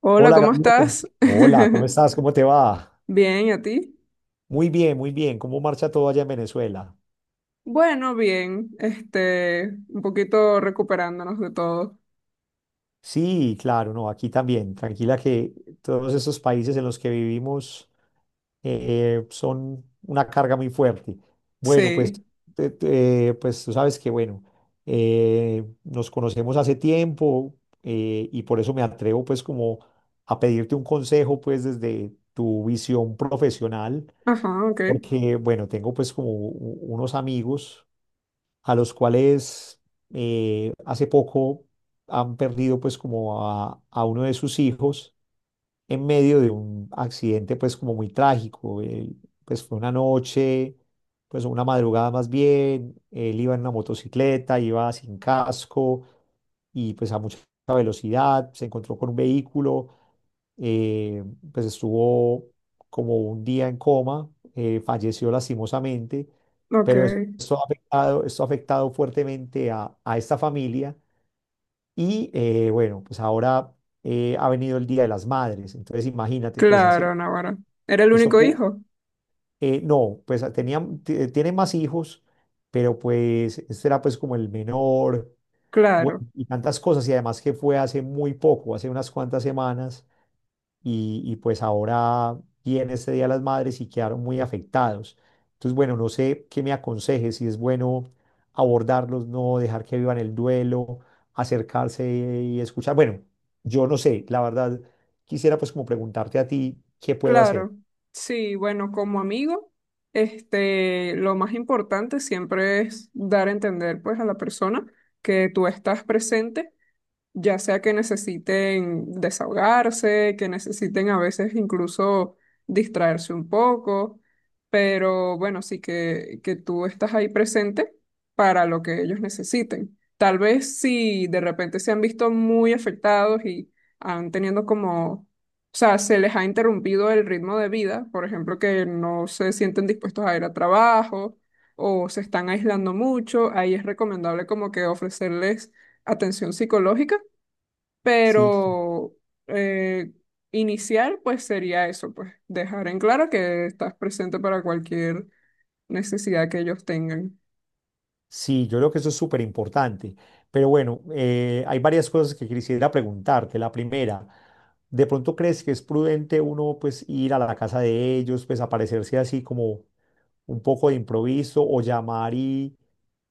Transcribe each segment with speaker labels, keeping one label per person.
Speaker 1: Hola,
Speaker 2: Hola,
Speaker 1: ¿cómo
Speaker 2: Gaviota.
Speaker 1: estás?
Speaker 2: Hola, ¿cómo estás? ¿Cómo te va?
Speaker 1: Bien, ¿y a ti?
Speaker 2: Muy bien, muy bien. ¿Cómo marcha todo allá en Venezuela?
Speaker 1: Bueno, bien, un poquito recuperándonos de todo.
Speaker 2: Sí, claro, no, aquí también. Tranquila que todos estos países en los que vivimos son una carga muy fuerte. Bueno,
Speaker 1: Sí,
Speaker 2: pues, pues tú sabes que, bueno, nos conocemos hace tiempo, y por eso me atrevo pues como a pedirte un consejo pues desde tu visión profesional.
Speaker 1: ajá, ok,
Speaker 2: Porque, bueno, tengo pues como unos amigos a los cuales hace poco han perdido pues como a uno de sus hijos en medio de un accidente pues como muy trágico. Él, pues fue una noche, pues una madrugada más bien, él iba en una motocicleta, iba sin casco y pues a mucha velocidad, se encontró con un vehículo, eh, pues estuvo como un día en coma, falleció lastimosamente, pero
Speaker 1: ok.
Speaker 2: esto ha afectado fuertemente a esta familia. Y bueno, pues ahora ha venido el Día de las Madres, entonces imagínate, pues hace
Speaker 1: Claro, Navarra. ¿Era el
Speaker 2: eso,
Speaker 1: único hijo?
Speaker 2: no, pues tenía, tiene más hijos, pero pues este era pues como el menor,
Speaker 1: Claro,
Speaker 2: bueno, y tantas cosas y además que fue hace muy poco, hace unas cuantas semanas. Y, y pues ahora viene este Día de las Madres y quedaron muy afectados. Entonces, bueno, no sé qué me aconseje, si es bueno abordarlos, no dejar que vivan el duelo, acercarse y escuchar. Bueno, yo no sé, la verdad, quisiera pues como preguntarte a ti, ¿qué puedo hacer?
Speaker 1: claro. Sí, bueno, como amigo, lo más importante siempre es dar a entender, pues, a la persona que tú estás presente, ya sea que necesiten desahogarse, que necesiten a veces incluso distraerse un poco, pero bueno, sí que, tú estás ahí presente para lo que ellos necesiten. Tal vez si de repente se han visto muy afectados y han tenido como, o sea, se les ha interrumpido el ritmo de vida, por ejemplo, que no se sienten dispuestos a ir a trabajo o se están aislando mucho, ahí es recomendable como que ofrecerles atención psicológica,
Speaker 2: Sí,
Speaker 1: pero eh, iniciar, pues sería eso, pues dejar en claro que estás presente para cualquier necesidad que ellos tengan.
Speaker 2: sí, yo creo que eso es súper importante. Pero bueno, hay varias cosas que quisiera preguntarte. La primera, ¿de pronto crees que es prudente uno pues ir a la casa de ellos, pues aparecerse así como un poco de improviso o llamar y,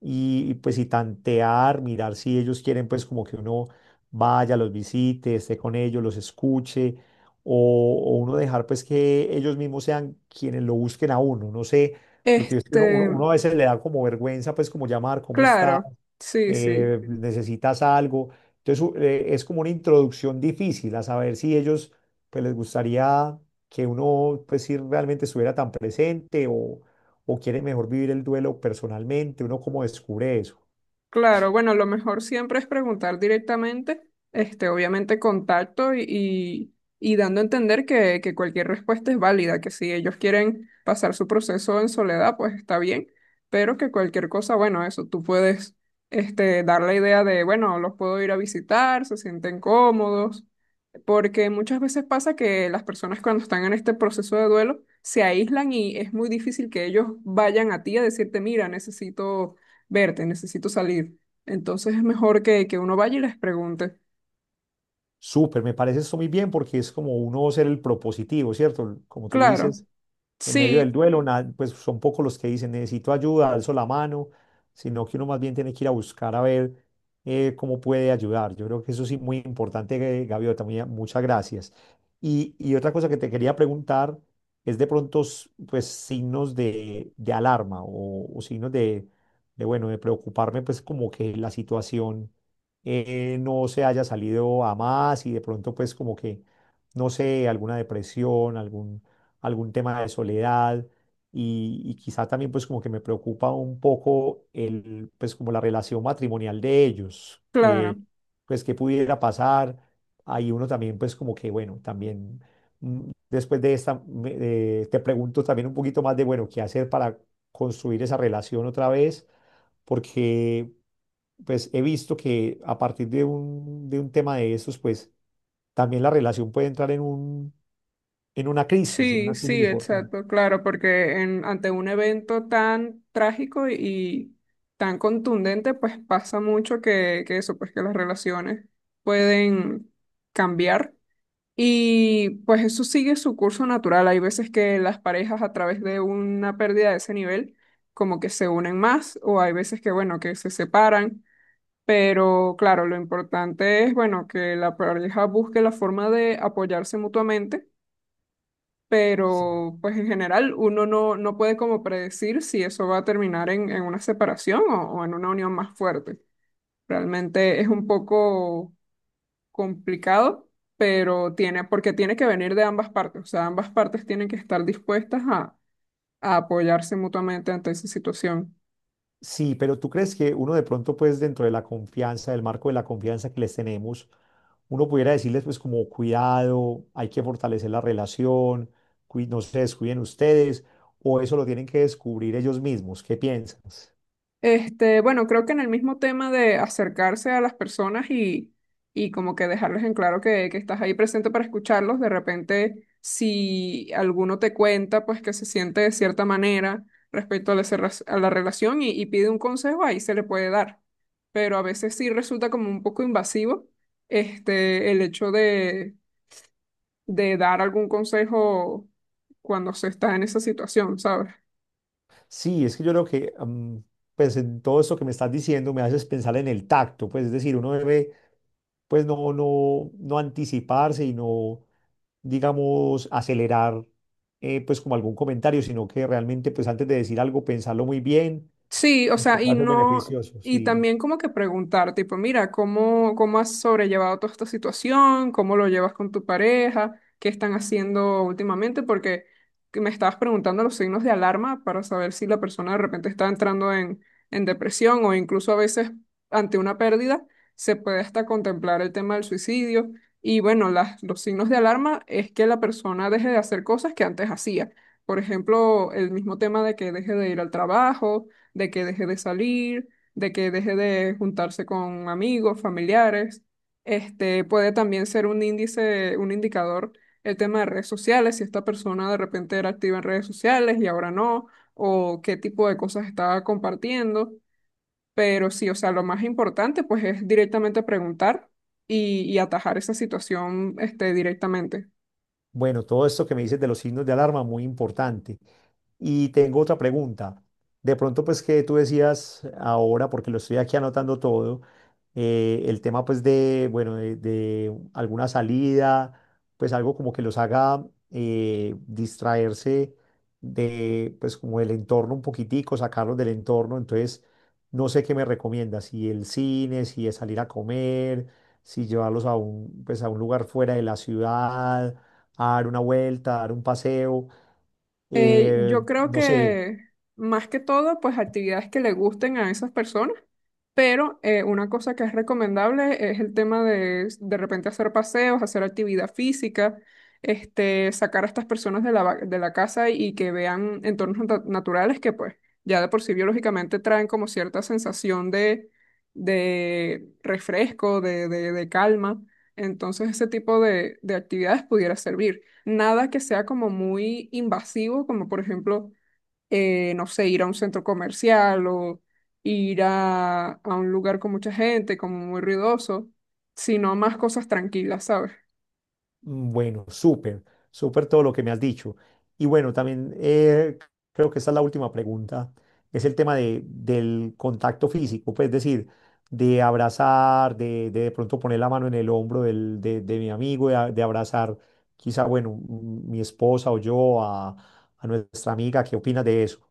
Speaker 2: y, y, pues y tantear, mirar si ellos quieren pues como que uno vaya, los visite, esté con ellos, los escuche o uno dejar pues que ellos mismos sean quienes lo busquen a uno? No sé. Porque es que uno,
Speaker 1: Este,
Speaker 2: uno a veces le da como vergüenza, pues como llamar, cómo está.
Speaker 1: claro, sí, sí.
Speaker 2: Necesitas algo. Entonces es como una introducción difícil a saber si ellos pues les gustaría que uno pues si realmente estuviera tan presente o quiere mejor vivir el duelo personalmente, uno como descubre eso.
Speaker 1: Claro, bueno, lo mejor siempre es preguntar directamente, obviamente contacto y dando a entender que, cualquier respuesta es válida, que si ellos quieren pasar su proceso en soledad, pues está bien, pero que cualquier cosa, bueno, eso, tú puedes, dar la idea de, bueno, los puedo ir a visitar, se sienten cómodos, porque muchas veces pasa que las personas cuando están en este proceso de duelo se aíslan y es muy difícil que ellos vayan a ti a decirte, mira, necesito verte, necesito salir. Entonces es mejor que, uno vaya y les pregunte.
Speaker 2: Súper, me parece esto muy bien porque es como uno ser el propositivo, ¿cierto? Como tú
Speaker 1: Claro,
Speaker 2: dices en medio del
Speaker 1: sí,
Speaker 2: duelo, pues son pocos los que dicen necesito ayuda, alzo la mano, sino que uno más bien tiene que ir a buscar a ver cómo puede ayudar. Yo creo que eso sí, muy importante, Gaviota, muchas gracias. Y otra cosa que te quería preguntar es de pronto, pues, signos de alarma o signos de, bueno, de preocuparme, pues, como que la situación no se haya salido a más y de pronto, pues, como que, no sé, alguna depresión, algún algún tema de soledad y quizá también pues como que me preocupa un poco el, pues como la relación matrimonial de ellos,
Speaker 1: claro,
Speaker 2: pues qué pudiera pasar. Ahí uno también pues como que bueno, también después de esta, te pregunto también un poquito más de bueno, qué hacer para construir esa relación otra vez, porque pues he visto que a partir de un tema de estos pues también la relación puede entrar en un, en
Speaker 1: sí,
Speaker 2: una crisis
Speaker 1: sí,
Speaker 2: importante.
Speaker 1: exacto, claro, porque en, ante un evento tan trágico y tan contundente, pues pasa mucho que, eso, pues que las relaciones pueden cambiar. Y pues eso sigue su curso natural. Hay veces que las parejas a través de una pérdida de ese nivel como que se unen más, o hay veces que, bueno, que se separan. Pero claro, lo importante es, bueno, que la pareja busque la forma de apoyarse mutuamente,
Speaker 2: Sí,
Speaker 1: pero pues en general uno no, puede como predecir si eso va a terminar en una separación o en una unión más fuerte. Realmente es un poco complicado, pero tiene, porque tiene que venir de ambas partes, o sea, ambas partes tienen que estar dispuestas a apoyarse mutuamente ante esa situación.
Speaker 2: sí, pero tú crees que uno de pronto, pues dentro de la confianza, del marco de la confianza que les tenemos, uno pudiera decirles pues como cuidado, hay que fortalecer la relación, no se descuiden ustedes, o eso lo tienen que descubrir ellos mismos. ¿Qué piensas?
Speaker 1: Bueno, creo que en el mismo tema de acercarse a las personas y como que dejarles en claro que, estás ahí presente para escucharlos, de repente si alguno te cuenta, pues que se siente de cierta manera respecto a la, cerra- a la relación y pide un consejo, ahí se le puede dar. Pero a veces sí resulta como un poco invasivo, el hecho de dar algún consejo cuando se está en esa situación, ¿sabes?
Speaker 2: Sí, es que yo creo que, pues en todo esto que me estás diciendo me haces pensar en el tacto, pues es decir, uno debe, pues no, no, no anticiparse y no, digamos, acelerar, pues como algún comentario, sino que realmente, pues antes de decir algo, pensarlo muy bien,
Speaker 1: Sí, o sea,
Speaker 2: va
Speaker 1: y
Speaker 2: a ser
Speaker 1: no,
Speaker 2: beneficioso,
Speaker 1: y
Speaker 2: sí.
Speaker 1: también como que preguntar, tipo, mira, ¿cómo, has sobrellevado toda esta situación? ¿Cómo lo llevas con tu pareja? ¿Qué están haciendo últimamente? Porque que me estabas preguntando los signos de alarma para saber si la persona de repente está entrando en depresión o incluso a veces ante una pérdida se puede hasta contemplar el tema del suicidio. Y bueno, las, los signos de alarma es que la persona deje de hacer cosas que antes hacía. Por ejemplo, el mismo tema de que deje de ir al trabajo, de que deje de salir, de que deje de juntarse con amigos, familiares. Este puede también ser un índice, un indicador, el tema de redes sociales, si esta persona de repente era activa en redes sociales y ahora no, o qué tipo de cosas estaba compartiendo. Pero sí, o sea, lo más importante pues es directamente preguntar y atajar esa situación, directamente.
Speaker 2: Bueno, todo esto que me dices de los signos de alarma, muy importante. Y tengo otra pregunta. De pronto, pues que tú decías ahora, porque lo estoy aquí anotando todo, el tema pues de, bueno, de alguna salida, pues algo como que los haga distraerse de, pues como del entorno un poquitico, sacarlos del entorno. Entonces, no sé qué me recomiendas, si el cine, si es salir a comer, si llevarlos a un, pues a un lugar fuera de la ciudad a dar una vuelta, a dar un paseo,
Speaker 1: Yo creo
Speaker 2: no sé.
Speaker 1: que más que todo, pues actividades que le gusten a esas personas. Pero una cosa que es recomendable es el tema de repente hacer paseos, hacer actividad física, sacar a estas personas de la, va- de la casa y que vean entornos nat- naturales, que pues ya de por sí biológicamente traen como cierta sensación de refresco, de calma. Entonces ese tipo de actividades pudiera servir. Nada que sea como muy invasivo, como por ejemplo no sé, ir a un centro comercial o ir a un lugar con mucha gente, como muy ruidoso, sino más cosas tranquilas, ¿sabes?
Speaker 2: Mm, bueno, súper, súper todo lo que me has dicho. Y bueno, también creo que esta es la última pregunta, es el tema de, del contacto físico, pues es decir, de abrazar, de pronto poner la mano en el hombro del, de mi amigo, de abrazar quizá, bueno, mm, mi esposa o yo a nuestra amiga, ¿qué opinas de eso?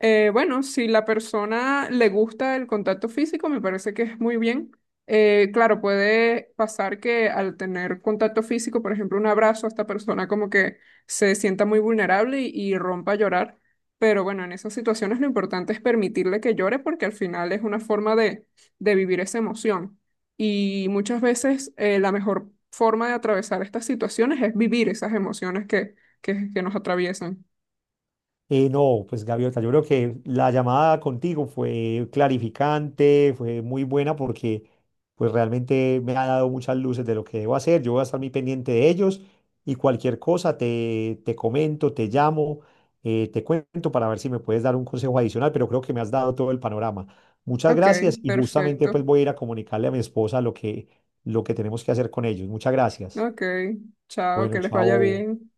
Speaker 1: Bueno, si la persona le gusta el contacto físico, me parece que es muy bien. Claro, puede pasar que al tener contacto físico, por ejemplo, un abrazo, esta persona como que se sienta muy vulnerable y rompa a llorar. Pero bueno, en esas situaciones lo importante es permitirle que llore porque al final es una forma de vivir esa emoción. Y muchas veces la mejor forma de atravesar estas situaciones es vivir esas emociones que, nos atraviesan.
Speaker 2: No, pues Gaviota, yo creo que la llamada contigo fue clarificante, fue muy buena porque pues realmente me ha dado muchas luces de lo que debo hacer. Yo voy a estar muy pendiente de ellos y cualquier cosa te, te comento, te llamo, te cuento para ver si me puedes dar un consejo adicional, pero creo que me has dado todo el panorama. Muchas
Speaker 1: Ok,
Speaker 2: gracias y justamente
Speaker 1: perfecto.
Speaker 2: pues voy a ir a comunicarle a mi esposa lo que tenemos que hacer con ellos. Muchas gracias.
Speaker 1: Ok, chao, que
Speaker 2: Bueno,
Speaker 1: les vaya
Speaker 2: chao.
Speaker 1: bien.